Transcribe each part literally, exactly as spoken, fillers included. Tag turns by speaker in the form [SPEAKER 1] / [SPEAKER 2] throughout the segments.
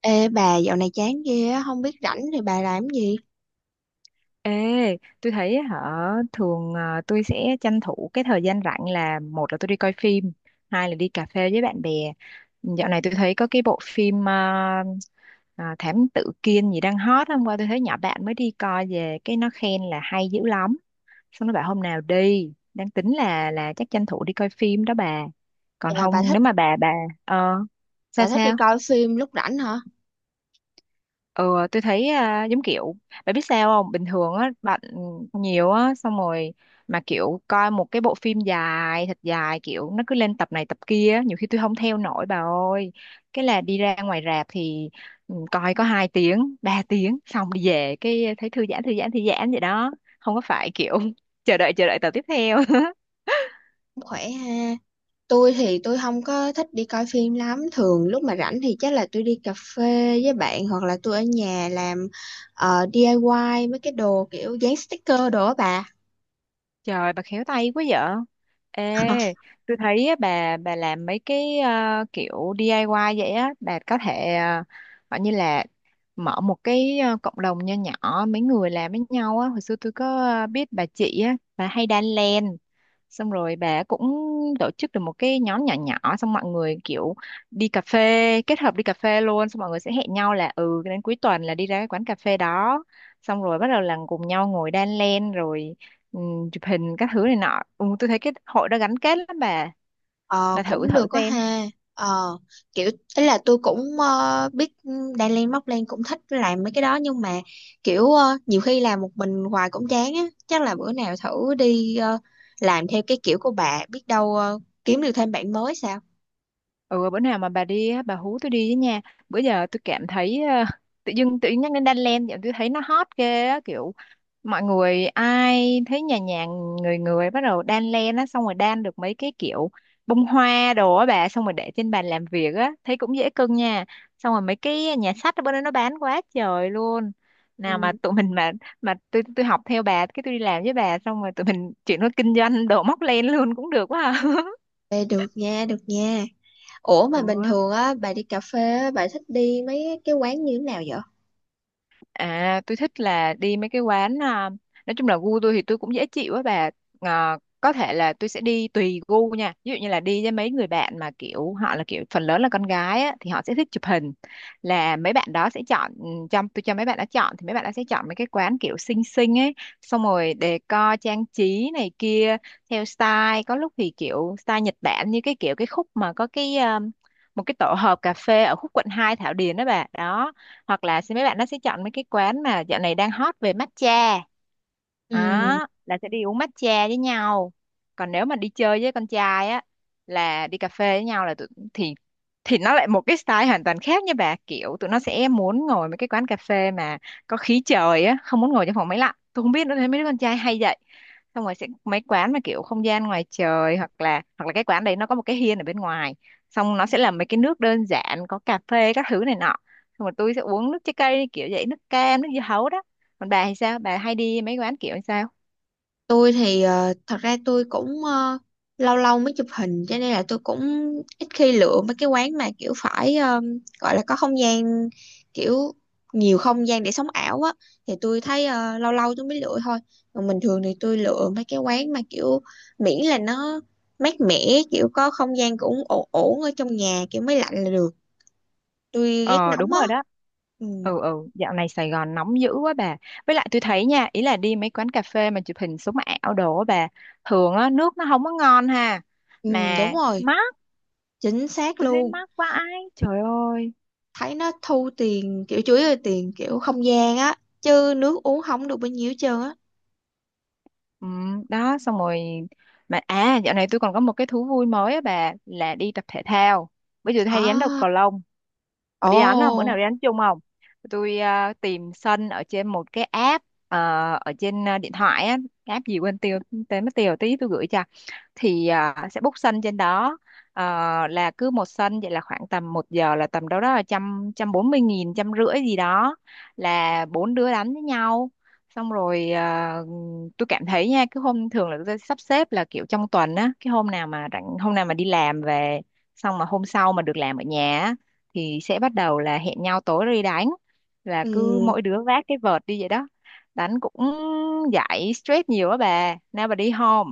[SPEAKER 1] Ê bà dạo này chán ghê á, không biết rảnh thì bà làm gì?
[SPEAKER 2] Ê, tôi thấy á hả thường à, tôi sẽ tranh thủ cái thời gian rảnh là một là tôi đi coi phim, hai là đi cà phê với bạn bè. Dạo này tôi thấy có cái bộ phim à, à, Thám Tử Kiên gì đang hot. Hôm qua tôi thấy nhỏ bạn mới đi coi về cái nó khen là hay dữ lắm. Xong nó bảo hôm nào đi, đang tính là là chắc tranh thủ đi coi phim đó bà. Còn
[SPEAKER 1] Dạ, bà
[SPEAKER 2] không
[SPEAKER 1] thích
[SPEAKER 2] nếu mà bà bà ờ sao
[SPEAKER 1] bà thích đi
[SPEAKER 2] sao?
[SPEAKER 1] coi phim lúc rảnh hả?
[SPEAKER 2] Ừ, tôi thấy à, giống kiểu bạn biết sao không, bình thường á bạn nhiều á, xong rồi mà kiểu coi một cái bộ phim dài thật dài, kiểu nó cứ lên tập này tập kia á, nhiều khi tôi không theo nổi bà ơi. Cái là đi ra ngoài rạp thì ừ, coi có hai tiếng ba tiếng xong đi về cái thấy thư giãn thư giãn thư giãn vậy đó, không có phải kiểu chờ đợi chờ đợi tập tiếp theo
[SPEAKER 1] Cũng khỏe ha. Tôi thì tôi không có thích đi coi phim lắm, thường lúc mà rảnh thì chắc là tôi đi cà phê với bạn hoặc là tôi ở nhà làm ờ, đê i y mấy cái đồ kiểu dán sticker đồ á bà.
[SPEAKER 2] Trời, bà khéo tay quá vợ. Ê, tôi thấy á, bà bà làm mấy cái ờ, kiểu đê i goát vậy á, bà có thể ờ, gọi như là mở một cái ờ, cộng đồng nho nhỏ mấy người làm với nhau á. Hồi xưa tôi có ờ, biết bà chị á, bà hay đan len, xong rồi bà cũng tổ chức được một cái nhóm nhỏ nhỏ, xong mọi người kiểu đi cà phê, kết hợp đi cà phê luôn. Xong mọi người sẽ hẹn nhau là ừ, đến cuối tuần là đi ra cái quán cà phê đó, xong rồi bắt đầu là cùng nhau ngồi đan len rồi ừm, chụp hình các thứ này nọ. Ừ, tôi thấy cái hội đó gắn kết lắm bà
[SPEAKER 1] Ờ
[SPEAKER 2] bà thử
[SPEAKER 1] cũng
[SPEAKER 2] thử
[SPEAKER 1] được có
[SPEAKER 2] xem.
[SPEAKER 1] ha. Ờ, kiểu ấy là tôi cũng ờ, biết Đan Lan Móc Lan cũng thích làm mấy cái đó, nhưng mà kiểu ờ, nhiều khi làm một mình hoài cũng chán á, chắc là bữa nào thử đi ờ, làm theo cái kiểu của bà, biết đâu ờ, kiếm được thêm bạn mới sao?
[SPEAKER 2] Ừ, bữa nào mà bà đi á, bà hú tôi đi với nha. Bữa giờ tôi cảm thấy ờ, tự dưng tự dưng nhắc đến đan len vậy tôi thấy nó hot ghê á, kiểu mọi người ai thấy nhà nhà người người bắt đầu đan len á, xong rồi đan được mấy cái kiểu bông hoa đồ á bà, xong rồi để trên bàn làm việc á thấy cũng dễ cưng nha. Xong rồi mấy cái nhà sách ở bên đó nó bán quá trời luôn.
[SPEAKER 1] Ừ,
[SPEAKER 2] Nào mà tụi mình mà mà tôi tôi học theo bà, cái tôi đi làm với bà, xong rồi tụi mình chuyển qua kinh doanh đồ móc len luôn cũng được quá à.
[SPEAKER 1] vậy được nha, được nha. Ủa mà bình
[SPEAKER 2] Ừ.
[SPEAKER 1] thường á bà đi cà phê á, bà thích đi mấy cái quán như thế nào vậy?
[SPEAKER 2] À, tôi thích là đi mấy cái quán à, nói chung là gu tôi thì tôi cũng dễ chịu á bà. À, có thể là tôi sẽ đi tùy gu nha. Ví dụ như là đi với mấy người bạn mà kiểu họ là kiểu phần lớn là con gái á thì họ sẽ thích chụp hình. Là mấy bạn đó sẽ chọn ừ, trong tôi cho mấy bạn đó chọn thì mấy bạn đó sẽ chọn mấy cái quán kiểu xinh xinh ấy, xong rồi decor trang trí này kia theo style. Có lúc thì kiểu style Nhật Bản, như cái kiểu cái khúc mà có cái ờ, một cái tổ hợp cà phê ở khúc quận hai Thảo Điền đó bà. Đó, hoặc là sẽ mấy bạn nó sẽ chọn mấy cái quán mà dạo này đang hot về matcha,
[SPEAKER 1] Ừ.
[SPEAKER 2] đó là sẽ đi uống matcha với nhau. Còn nếu mà đi chơi với con trai á, là đi cà phê với nhau là tụi, thì thì nó lại một cái style hoàn toàn khác nha bà. Kiểu tụi nó sẽ muốn ngồi mấy cái quán cà phê mà có khí trời á, không muốn ngồi trong phòng máy lạnh, tôi không biết nữa, thấy mấy đứa con trai hay vậy. Xong rồi sẽ mấy quán mà kiểu không gian ngoài trời, hoặc là hoặc là cái quán đấy nó có một cái hiên ở bên ngoài, xong nó sẽ làm mấy cái nước đơn giản có cà phê các thứ này nọ. Xong rồi tôi sẽ uống nước trái cây kiểu vậy, nước cam nước dưa hấu đó. Còn bà thì sao, bà hay đi mấy quán kiểu sao?
[SPEAKER 1] Tôi thì ờ, thật ra tôi cũng ờ, lâu lâu mới chụp hình, cho nên là tôi cũng ít khi lựa mấy cái quán mà kiểu phải ờ, gọi là có không gian, kiểu nhiều không gian để sống ảo á, thì tôi thấy ờ, lâu lâu tôi mới lựa thôi. Còn bình thường thì tôi lựa mấy cái quán mà kiểu miễn là nó mát mẻ, kiểu có không gian cũng ổn ổn ở trong nhà, kiểu máy lạnh là được. Tôi ghét
[SPEAKER 2] Ờ
[SPEAKER 1] nóng
[SPEAKER 2] đúng
[SPEAKER 1] á.
[SPEAKER 2] rồi đó.
[SPEAKER 1] Ừ,
[SPEAKER 2] Ừ, ừ, dạo này Sài Gòn nóng dữ quá bà. Với lại tôi thấy nha, ý là đi mấy quán cà phê mà chụp hình sống ảo đồ á bà, thường á nước nó không có ngon ha,
[SPEAKER 1] ừ đúng
[SPEAKER 2] mà
[SPEAKER 1] rồi,
[SPEAKER 2] mắc.
[SPEAKER 1] chính xác
[SPEAKER 2] Tôi thấy
[SPEAKER 1] luôn.
[SPEAKER 2] mắc quá ai trời ơi.
[SPEAKER 1] Thấy nó thu tiền kiểu chủ yếu là tiền kiểu không gian á, chứ nước uống không được bao nhiêu hết trơn á.
[SPEAKER 2] Ừ, đó xong rồi. Mà à, dạo này tôi còn có một cái thú vui mới á bà, là đi tập thể thao. Bây giờ tôi hay đi đánh đầu
[SPEAKER 1] À,
[SPEAKER 2] cầu lông. Bà
[SPEAKER 1] ồ,
[SPEAKER 2] đi đánh không? Bữa nào đi đánh chung không? Tôi ờ, tìm sân ở trên một cái app ờ, ở trên ờ, điện thoại á, cái app gì quên tiêu, tên mất tiêu, tí tôi gửi cho. Thì à, sẽ book sân trên đó. Ờ, là cứ một sân vậy là khoảng tầm một giờ là tầm đâu đó là trăm trăm bốn mươi nghìn trăm rưỡi gì đó, là bốn đứa đánh với nhau. Xong rồi à, tôi cảm thấy nha cứ hôm thường là tôi sắp xếp là kiểu trong tuần á, cái hôm nào mà rảnh, hôm nào mà đi làm về xong mà hôm sau mà được làm ở nhà á, thì sẽ bắt đầu là hẹn nhau tối đi đánh, là
[SPEAKER 1] ừ.
[SPEAKER 2] cứ mỗi đứa vác cái vợt đi vậy đó. Đánh cũng giải stress nhiều á bà, nào bà đi home.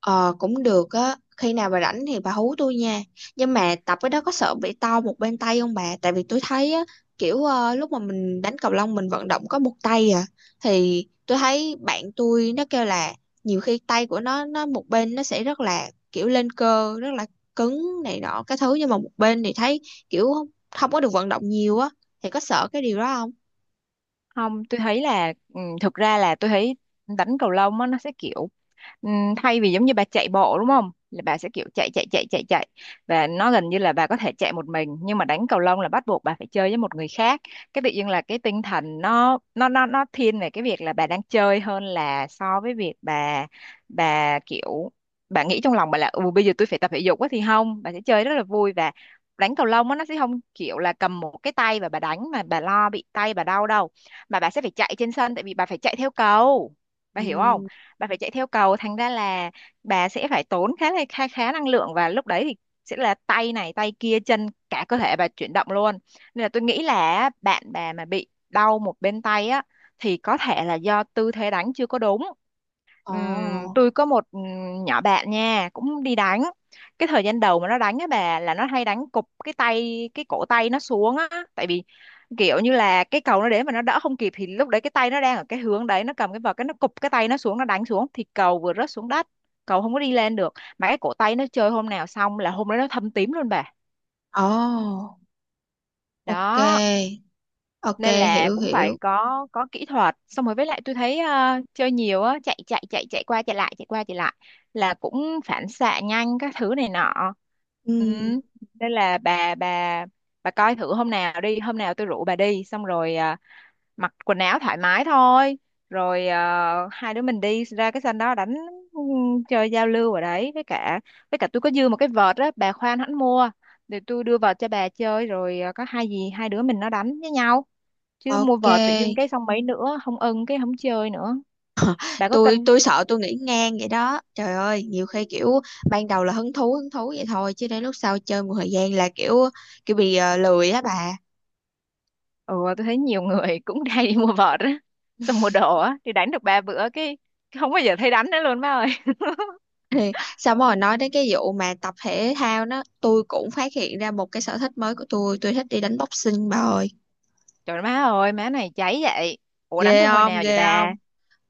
[SPEAKER 1] Ờ cũng được á, khi nào bà rảnh thì bà hú tôi nha. Nhưng mà tập cái đó có sợ bị to một bên tay không bà? Tại vì tôi thấy á, kiểu ờ, lúc mà mình đánh cầu lông mình vận động có một tay à, thì tôi thấy bạn tôi nó kêu là nhiều khi tay của nó nó một bên nó sẽ rất là kiểu lên cơ, rất là cứng này nọ cái thứ, nhưng mà một bên thì thấy kiểu không, không có được vận động nhiều á, thì có sợ cái điều đó không?
[SPEAKER 2] Không, tôi thấy là ừ, thực ra là tôi thấy đánh cầu lông á nó sẽ kiểu Ừm, thay vì giống như bà chạy bộ đúng không, là bà sẽ kiểu chạy chạy chạy chạy chạy, và nó gần như là bà có thể chạy một mình, nhưng mà đánh cầu lông là bắt buộc bà phải chơi với một người khác. Cái tự nhiên là cái tinh thần nó nó nó nó thiên về cái việc là bà đang chơi hơn là so với việc bà bà kiểu bà nghĩ trong lòng bà là ừ bây giờ tôi phải tập thể dục quá, thì không, bà sẽ chơi rất là vui. Và đánh cầu lông á, nó sẽ không kiểu là cầm một cái tay và bà đánh mà bà lo bị tay bà đau đâu, mà bà sẽ phải chạy trên sân, tại vì bà phải chạy theo cầu. Bà hiểu không,
[SPEAKER 1] Ừ.
[SPEAKER 2] bà phải chạy theo cầu, thành ra là bà sẽ phải tốn khá là khá, khá năng lượng, và lúc đấy thì sẽ là tay này tay kia chân cả cơ thể bà chuyển động luôn. Nên là tôi nghĩ là bạn bà mà bị đau một bên tay á, thì có thể là do tư thế đánh chưa có đúng. Ừm,
[SPEAKER 1] Ồ,
[SPEAKER 2] tôi có một ừm, nhỏ bạn nha cũng đi đánh, cái thời gian đầu mà nó đánh á bà là nó hay đánh cục cái tay cái cổ tay nó xuống á. Tại vì kiểu như là cái cầu nó đến mà nó đỡ không kịp, thì lúc đấy cái tay nó đang ở cái hướng đấy nó cầm cái vợt, cái nó cục cái tay nó xuống, nó đánh xuống thì cầu vừa rớt xuống đất, cầu không có đi lên được. Mà cái cổ tay nó chơi hôm nào xong là hôm đấy nó thâm tím luôn bà.
[SPEAKER 1] ồ, ok.
[SPEAKER 2] Đó,
[SPEAKER 1] Ok,
[SPEAKER 2] nên là
[SPEAKER 1] hiểu
[SPEAKER 2] cũng
[SPEAKER 1] hiểu.
[SPEAKER 2] phải có có kỹ thuật. Xong rồi với lại tôi thấy ờ, chơi nhiều á, chạy chạy chạy chạy qua chạy lại chạy qua chạy lại là cũng phản xạ nhanh các thứ này nọ.
[SPEAKER 1] Ừ.
[SPEAKER 2] Ừ. Nên là bà bà bà coi thử hôm nào đi, hôm nào tôi rủ bà đi xong rồi, ờ, mặc quần áo thoải mái thôi. Rồi ờ, hai đứa mình đi ra cái sân đó đánh, ừ, chơi giao lưu ở đấy. Với cả với cả tôi có dư một cái vợt á, bà khoan hẳn mua, để tôi đưa vợt cho bà chơi, rồi ờ, có hai gì hai đứa mình nó đánh với nhau. Chứ mua
[SPEAKER 1] Ok,
[SPEAKER 2] vợt tự dưng cái xong mấy nữa không ưng cái không chơi nữa. Bà có
[SPEAKER 1] tôi
[SPEAKER 2] cân?
[SPEAKER 1] tôi sợ tôi nghĩ ngang vậy đó. Trời ơi, nhiều khi kiểu ban đầu là hứng thú hứng thú vậy thôi, chứ đến lúc sau chơi một thời gian là kiểu kiểu bị ờ, lười á bà.
[SPEAKER 2] Ừ, tôi thấy nhiều người cũng hay đi mua vợt á, xong mua đồ á thì đánh được ba bữa cái, cái không bao giờ thấy đánh nữa luôn, má ơi.
[SPEAKER 1] Xong rồi nói đến cái vụ mà tập thể thao đó, tôi cũng phát hiện ra một cái sở thích mới của tôi, tôi thích đi đánh boxing bà ơi.
[SPEAKER 2] Trời má ơi, má này cháy vậy. Ủa đánh
[SPEAKER 1] Ghê
[SPEAKER 2] từ hồi
[SPEAKER 1] không?
[SPEAKER 2] nào vậy
[SPEAKER 1] Ghê
[SPEAKER 2] bà?
[SPEAKER 1] không?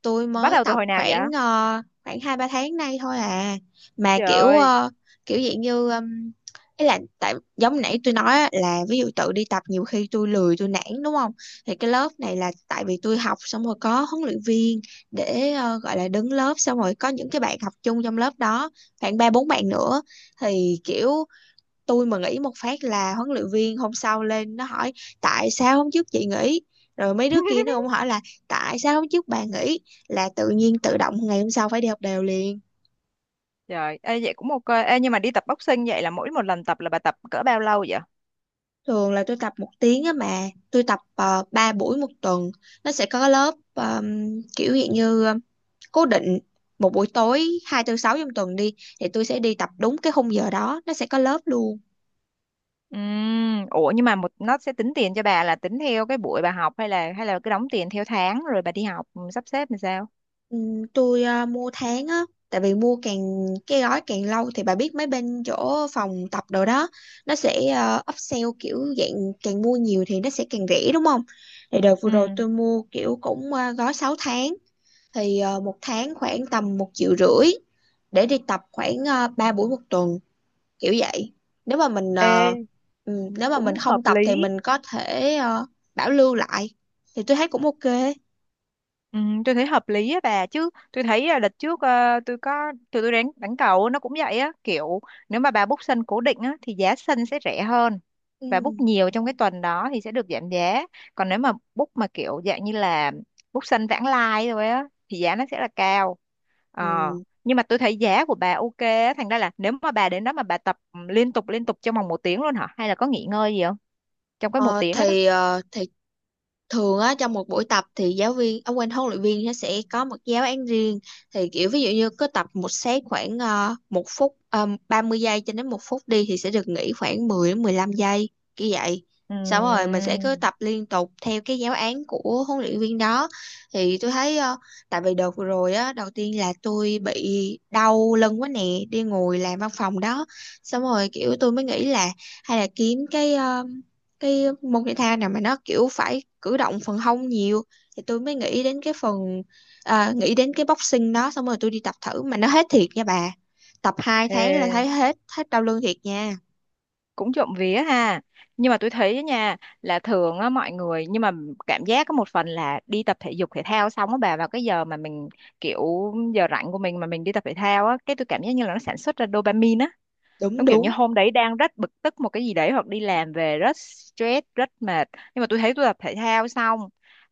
[SPEAKER 1] Tôi
[SPEAKER 2] Bắt
[SPEAKER 1] mới
[SPEAKER 2] đầu từ
[SPEAKER 1] tập
[SPEAKER 2] hồi nào vậy?
[SPEAKER 1] khoảng ờ, khoảng hai ba tháng nay thôi à, mà kiểu
[SPEAKER 2] Trời.
[SPEAKER 1] ờ, kiểu dạng như um, ý là tại giống nãy tôi nói á, là ví dụ tự đi tập nhiều khi tôi lười tôi nản đúng không, thì cái lớp này là tại vì tôi học xong rồi có huấn luyện viên để ờ, gọi là đứng lớp, xong rồi có những cái bạn học chung trong lớp đó, khoảng ba bốn bạn nữa, thì kiểu tôi mà nghỉ một phát là huấn luyện viên hôm sau lên nó hỏi tại sao hôm trước chị nghỉ, rồi mấy đứa kia
[SPEAKER 2] Ơi,
[SPEAKER 1] nó cũng hỏi là tại sao hôm trước bà nghỉ, là tự nhiên tự động ngày hôm sau phải đi học đều liền.
[SPEAKER 2] trời ê, vậy cũng ok. Ê, nhưng mà đi tập boxing vậy là mỗi một lần tập là bà tập cỡ bao lâu vậy?
[SPEAKER 1] Thường là tôi tập một tiếng á, mà tôi tập uh, ba buổi một tuần. Nó sẽ có lớp um, kiểu dạng như um, cố định một buổi tối hai tư sáu trong tuần đi, thì tôi sẽ đi tập đúng cái khung giờ đó nó sẽ có lớp luôn.
[SPEAKER 2] Ừm, ủa nhưng mà một nó sẽ tính tiền cho bà là tính theo cái buổi bà học, hay là hay là cứ đóng tiền theo tháng rồi bà đi học, ừ, sắp xếp làm sao?
[SPEAKER 1] Ừ, tôi ờ, mua tháng á, tại vì mua càng cái gói càng lâu thì bà biết mấy bên chỗ phòng tập đồ đó nó sẽ uh, upsell kiểu dạng càng mua nhiều thì nó sẽ càng rẻ đúng không, thì đợt vừa
[SPEAKER 2] Ừ.
[SPEAKER 1] rồi tôi mua kiểu cũng ờ, gói sáu tháng, thì ờ, một tháng khoảng tầm một triệu rưỡi để đi tập khoảng uh, ba buổi một tuần kiểu vậy. Nếu mà mình ờ,
[SPEAKER 2] Ê,
[SPEAKER 1] ừ, nếu mà mình
[SPEAKER 2] cũng
[SPEAKER 1] không
[SPEAKER 2] hợp
[SPEAKER 1] tập thì
[SPEAKER 2] lý.
[SPEAKER 1] mình có thể ờ, bảo lưu lại, thì tôi thấy cũng ok.
[SPEAKER 2] Ừ, tôi thấy hợp lý á bà chứ. Tôi thấy là đợt trước, ờ, tôi có tụi tôi đánh đánh cầu nó cũng vậy á, kiểu nếu mà bà book sân cố định á thì giá sân sẽ rẻ hơn.
[SPEAKER 1] Ừ.
[SPEAKER 2] Bà book nhiều trong cái tuần đó thì sẽ được giảm giá. Còn nếu mà book mà kiểu dạng như là book sân vãng lai thôi á thì giá nó sẽ là cao. Ờ,
[SPEAKER 1] Ừ.
[SPEAKER 2] nhưng mà tôi thấy giá của bà ok á, thành ra là nếu mà bà đến đó mà bà tập, ừ, liên tục liên tục trong vòng một tiếng luôn hả? Hay là có nghỉ ngơi gì không? Trong cái một
[SPEAKER 1] Ờ,
[SPEAKER 2] tiếng đó đó.
[SPEAKER 1] thì ờ, thì thường á trong một buổi tập thì giáo viên, ông quên, huấn luyện viên nó sẽ có một giáo án riêng, thì kiểu ví dụ như cứ tập một set khoảng ờ, một phút ờ, ba mươi giây cho đến một phút đi thì sẽ được nghỉ khoảng mười đến mười lăm giây như vậy, xong rồi mình sẽ
[SPEAKER 2] Ừm,
[SPEAKER 1] cứ tập liên tục theo cái giáo án của huấn luyện viên đó. Thì tôi thấy ờ, tại vì đợt vừa rồi á đầu tiên là tôi bị đau lưng quá nè, đi ngồi làm văn phòng đó, xong rồi kiểu tôi mới nghĩ là hay là kiếm cái ờ, cái môn thể thao nào mà nó kiểu phải cử động phần hông nhiều, thì tôi mới nghĩ đến cái phần à, nghĩ đến cái boxing đó, xong rồi tôi đi tập thử mà nó hết thiệt nha bà. Tập hai tháng là thấy
[SPEAKER 2] ê,
[SPEAKER 1] hết hết đau lưng thiệt nha.
[SPEAKER 2] cũng trộm vía ha. Nhưng mà tôi thấy á nha, là thường á mọi người, nhưng mà cảm giác có một phần là đi tập thể dục thể thao xong á bà, vào cái giờ mà mình kiểu giờ rảnh của mình mà mình đi tập thể thao á, cái tôi cảm giác như là nó sản xuất ra dopamine á.
[SPEAKER 1] Đúng
[SPEAKER 2] Giống kiểu như
[SPEAKER 1] đúng,
[SPEAKER 2] hôm đấy đang rất bực tức một cái gì đấy, hoặc đi làm về rất stress rất mệt, nhưng mà tôi thấy tôi tập thể thao xong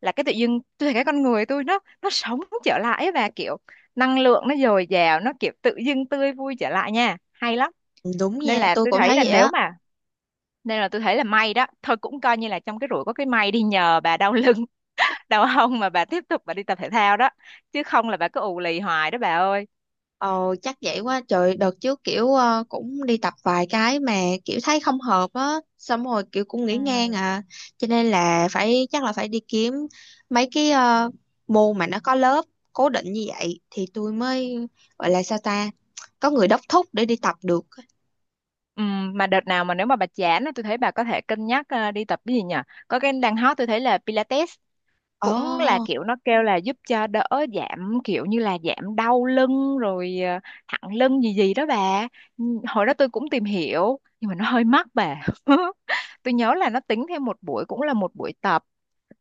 [SPEAKER 2] là cái tự dưng tôi thấy cái con người tôi nó nó sống trở lại, và kiểu năng lượng nó dồi dào, nó kiểu tự dưng tươi vui trở lại, nha, hay lắm.
[SPEAKER 1] đúng
[SPEAKER 2] nên
[SPEAKER 1] nha
[SPEAKER 2] là
[SPEAKER 1] tôi
[SPEAKER 2] tôi
[SPEAKER 1] cũng
[SPEAKER 2] thấy
[SPEAKER 1] thấy
[SPEAKER 2] là
[SPEAKER 1] vậy
[SPEAKER 2] nếu
[SPEAKER 1] á.
[SPEAKER 2] mà Nên là tôi thấy là may đó thôi, cũng coi như là trong cái rủi có cái may đi. Nhờ bà đau lưng đau hông mà bà tiếp tục bà đi tập thể thao đó, chứ không là bà cứ ù lì hoài đó bà ơi.
[SPEAKER 1] Ồ chắc vậy, quá trời đợt trước kiểu ờ, cũng đi tập vài cái mà kiểu thấy không hợp á, xong rồi kiểu cũng
[SPEAKER 2] Ừ.
[SPEAKER 1] nghỉ ngang à. Cho nên là phải, chắc là phải đi kiếm mấy cái ờ, môn mà nó có lớp cố định như vậy thì tôi mới gọi là sao ta, có người đốc thúc để đi tập được.
[SPEAKER 2] Ừ, mà đợt nào mà nếu mà bà chán á, tôi thấy bà có thể cân nhắc ờ, đi tập cái gì nhỉ. Có cái đang hot tôi thấy là Pilates, cũng là
[SPEAKER 1] Ồ.
[SPEAKER 2] kiểu nó kêu là giúp cho đỡ giảm, kiểu như là giảm đau lưng rồi ờ, thẳng lưng gì gì đó bà. Ừ, hồi đó tôi cũng tìm hiểu nhưng mà nó hơi mắc bà. Tôi nhớ là nó tính thêm một buổi cũng là một buổi tập,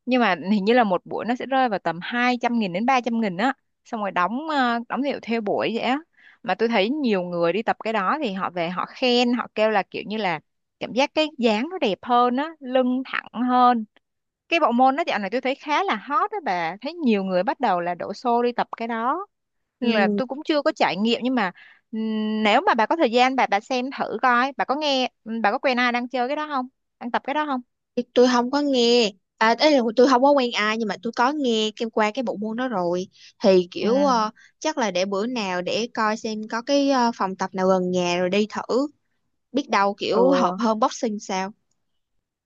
[SPEAKER 2] nhưng mà hình như là một buổi nó sẽ rơi vào tầm hai trăm nghìn đến ba trăm nghìn á, xong rồi đóng, ờ, đóng hiệu theo buổi vậy á. Mà tôi thấy nhiều người đi tập cái đó thì họ về họ khen, họ kêu là kiểu như là cảm giác cái dáng nó đẹp hơn á, lưng thẳng hơn. Cái bộ môn đó dạo này tôi thấy khá là hot đó bà, thấy nhiều người bắt đầu là đổ xô đi tập cái đó. Nên là tôi cũng chưa có trải nghiệm, nhưng mà ừm, nếu mà bà có thời gian bà bà xem thử coi, bà có nghe, bà có quen ai đang chơi cái đó không, đang tập cái đó không?
[SPEAKER 1] Thì tôi không có nghe, à ấy là tôi không có quen ai, nhưng mà tôi có nghe cái qua cái bộ môn đó rồi, thì
[SPEAKER 2] Ừ.
[SPEAKER 1] kiểu ờ, chắc là để bữa nào để coi xem có cái ờ, phòng tập nào gần nhà rồi đi thử, biết đâu
[SPEAKER 2] Ừ,
[SPEAKER 1] kiểu hợp hơn boxing sao.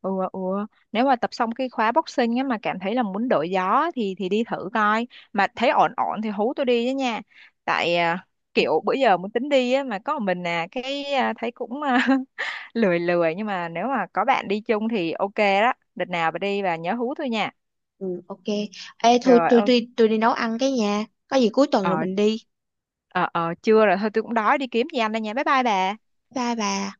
[SPEAKER 2] ừ ừ ừ. Nếu mà tập xong cái khóa boxing á mà cảm thấy là muốn đổi gió, thì thì đi thử coi, mà thấy ổn ổn thì hú tôi đi với nha. Tại à, kiểu bữa giờ muốn tính đi á mà có một mình à cái à, thấy cũng à, lười lười, nhưng mà nếu mà có bạn đi chung thì ok đó, đợt nào bà đi và nhớ hú tôi nha.
[SPEAKER 1] Ừ ok. Ê thôi,
[SPEAKER 2] Rồi
[SPEAKER 1] tôi
[SPEAKER 2] ờ
[SPEAKER 1] tôi tôi đi nấu ăn cái nha, có gì cuối tuần rồi
[SPEAKER 2] ờ
[SPEAKER 1] mình đi.
[SPEAKER 2] ờ, ờ, chưa rồi thôi, tôi cũng đói đi kiếm gì ăn đây, nha bye bye bà.
[SPEAKER 1] Bye bà.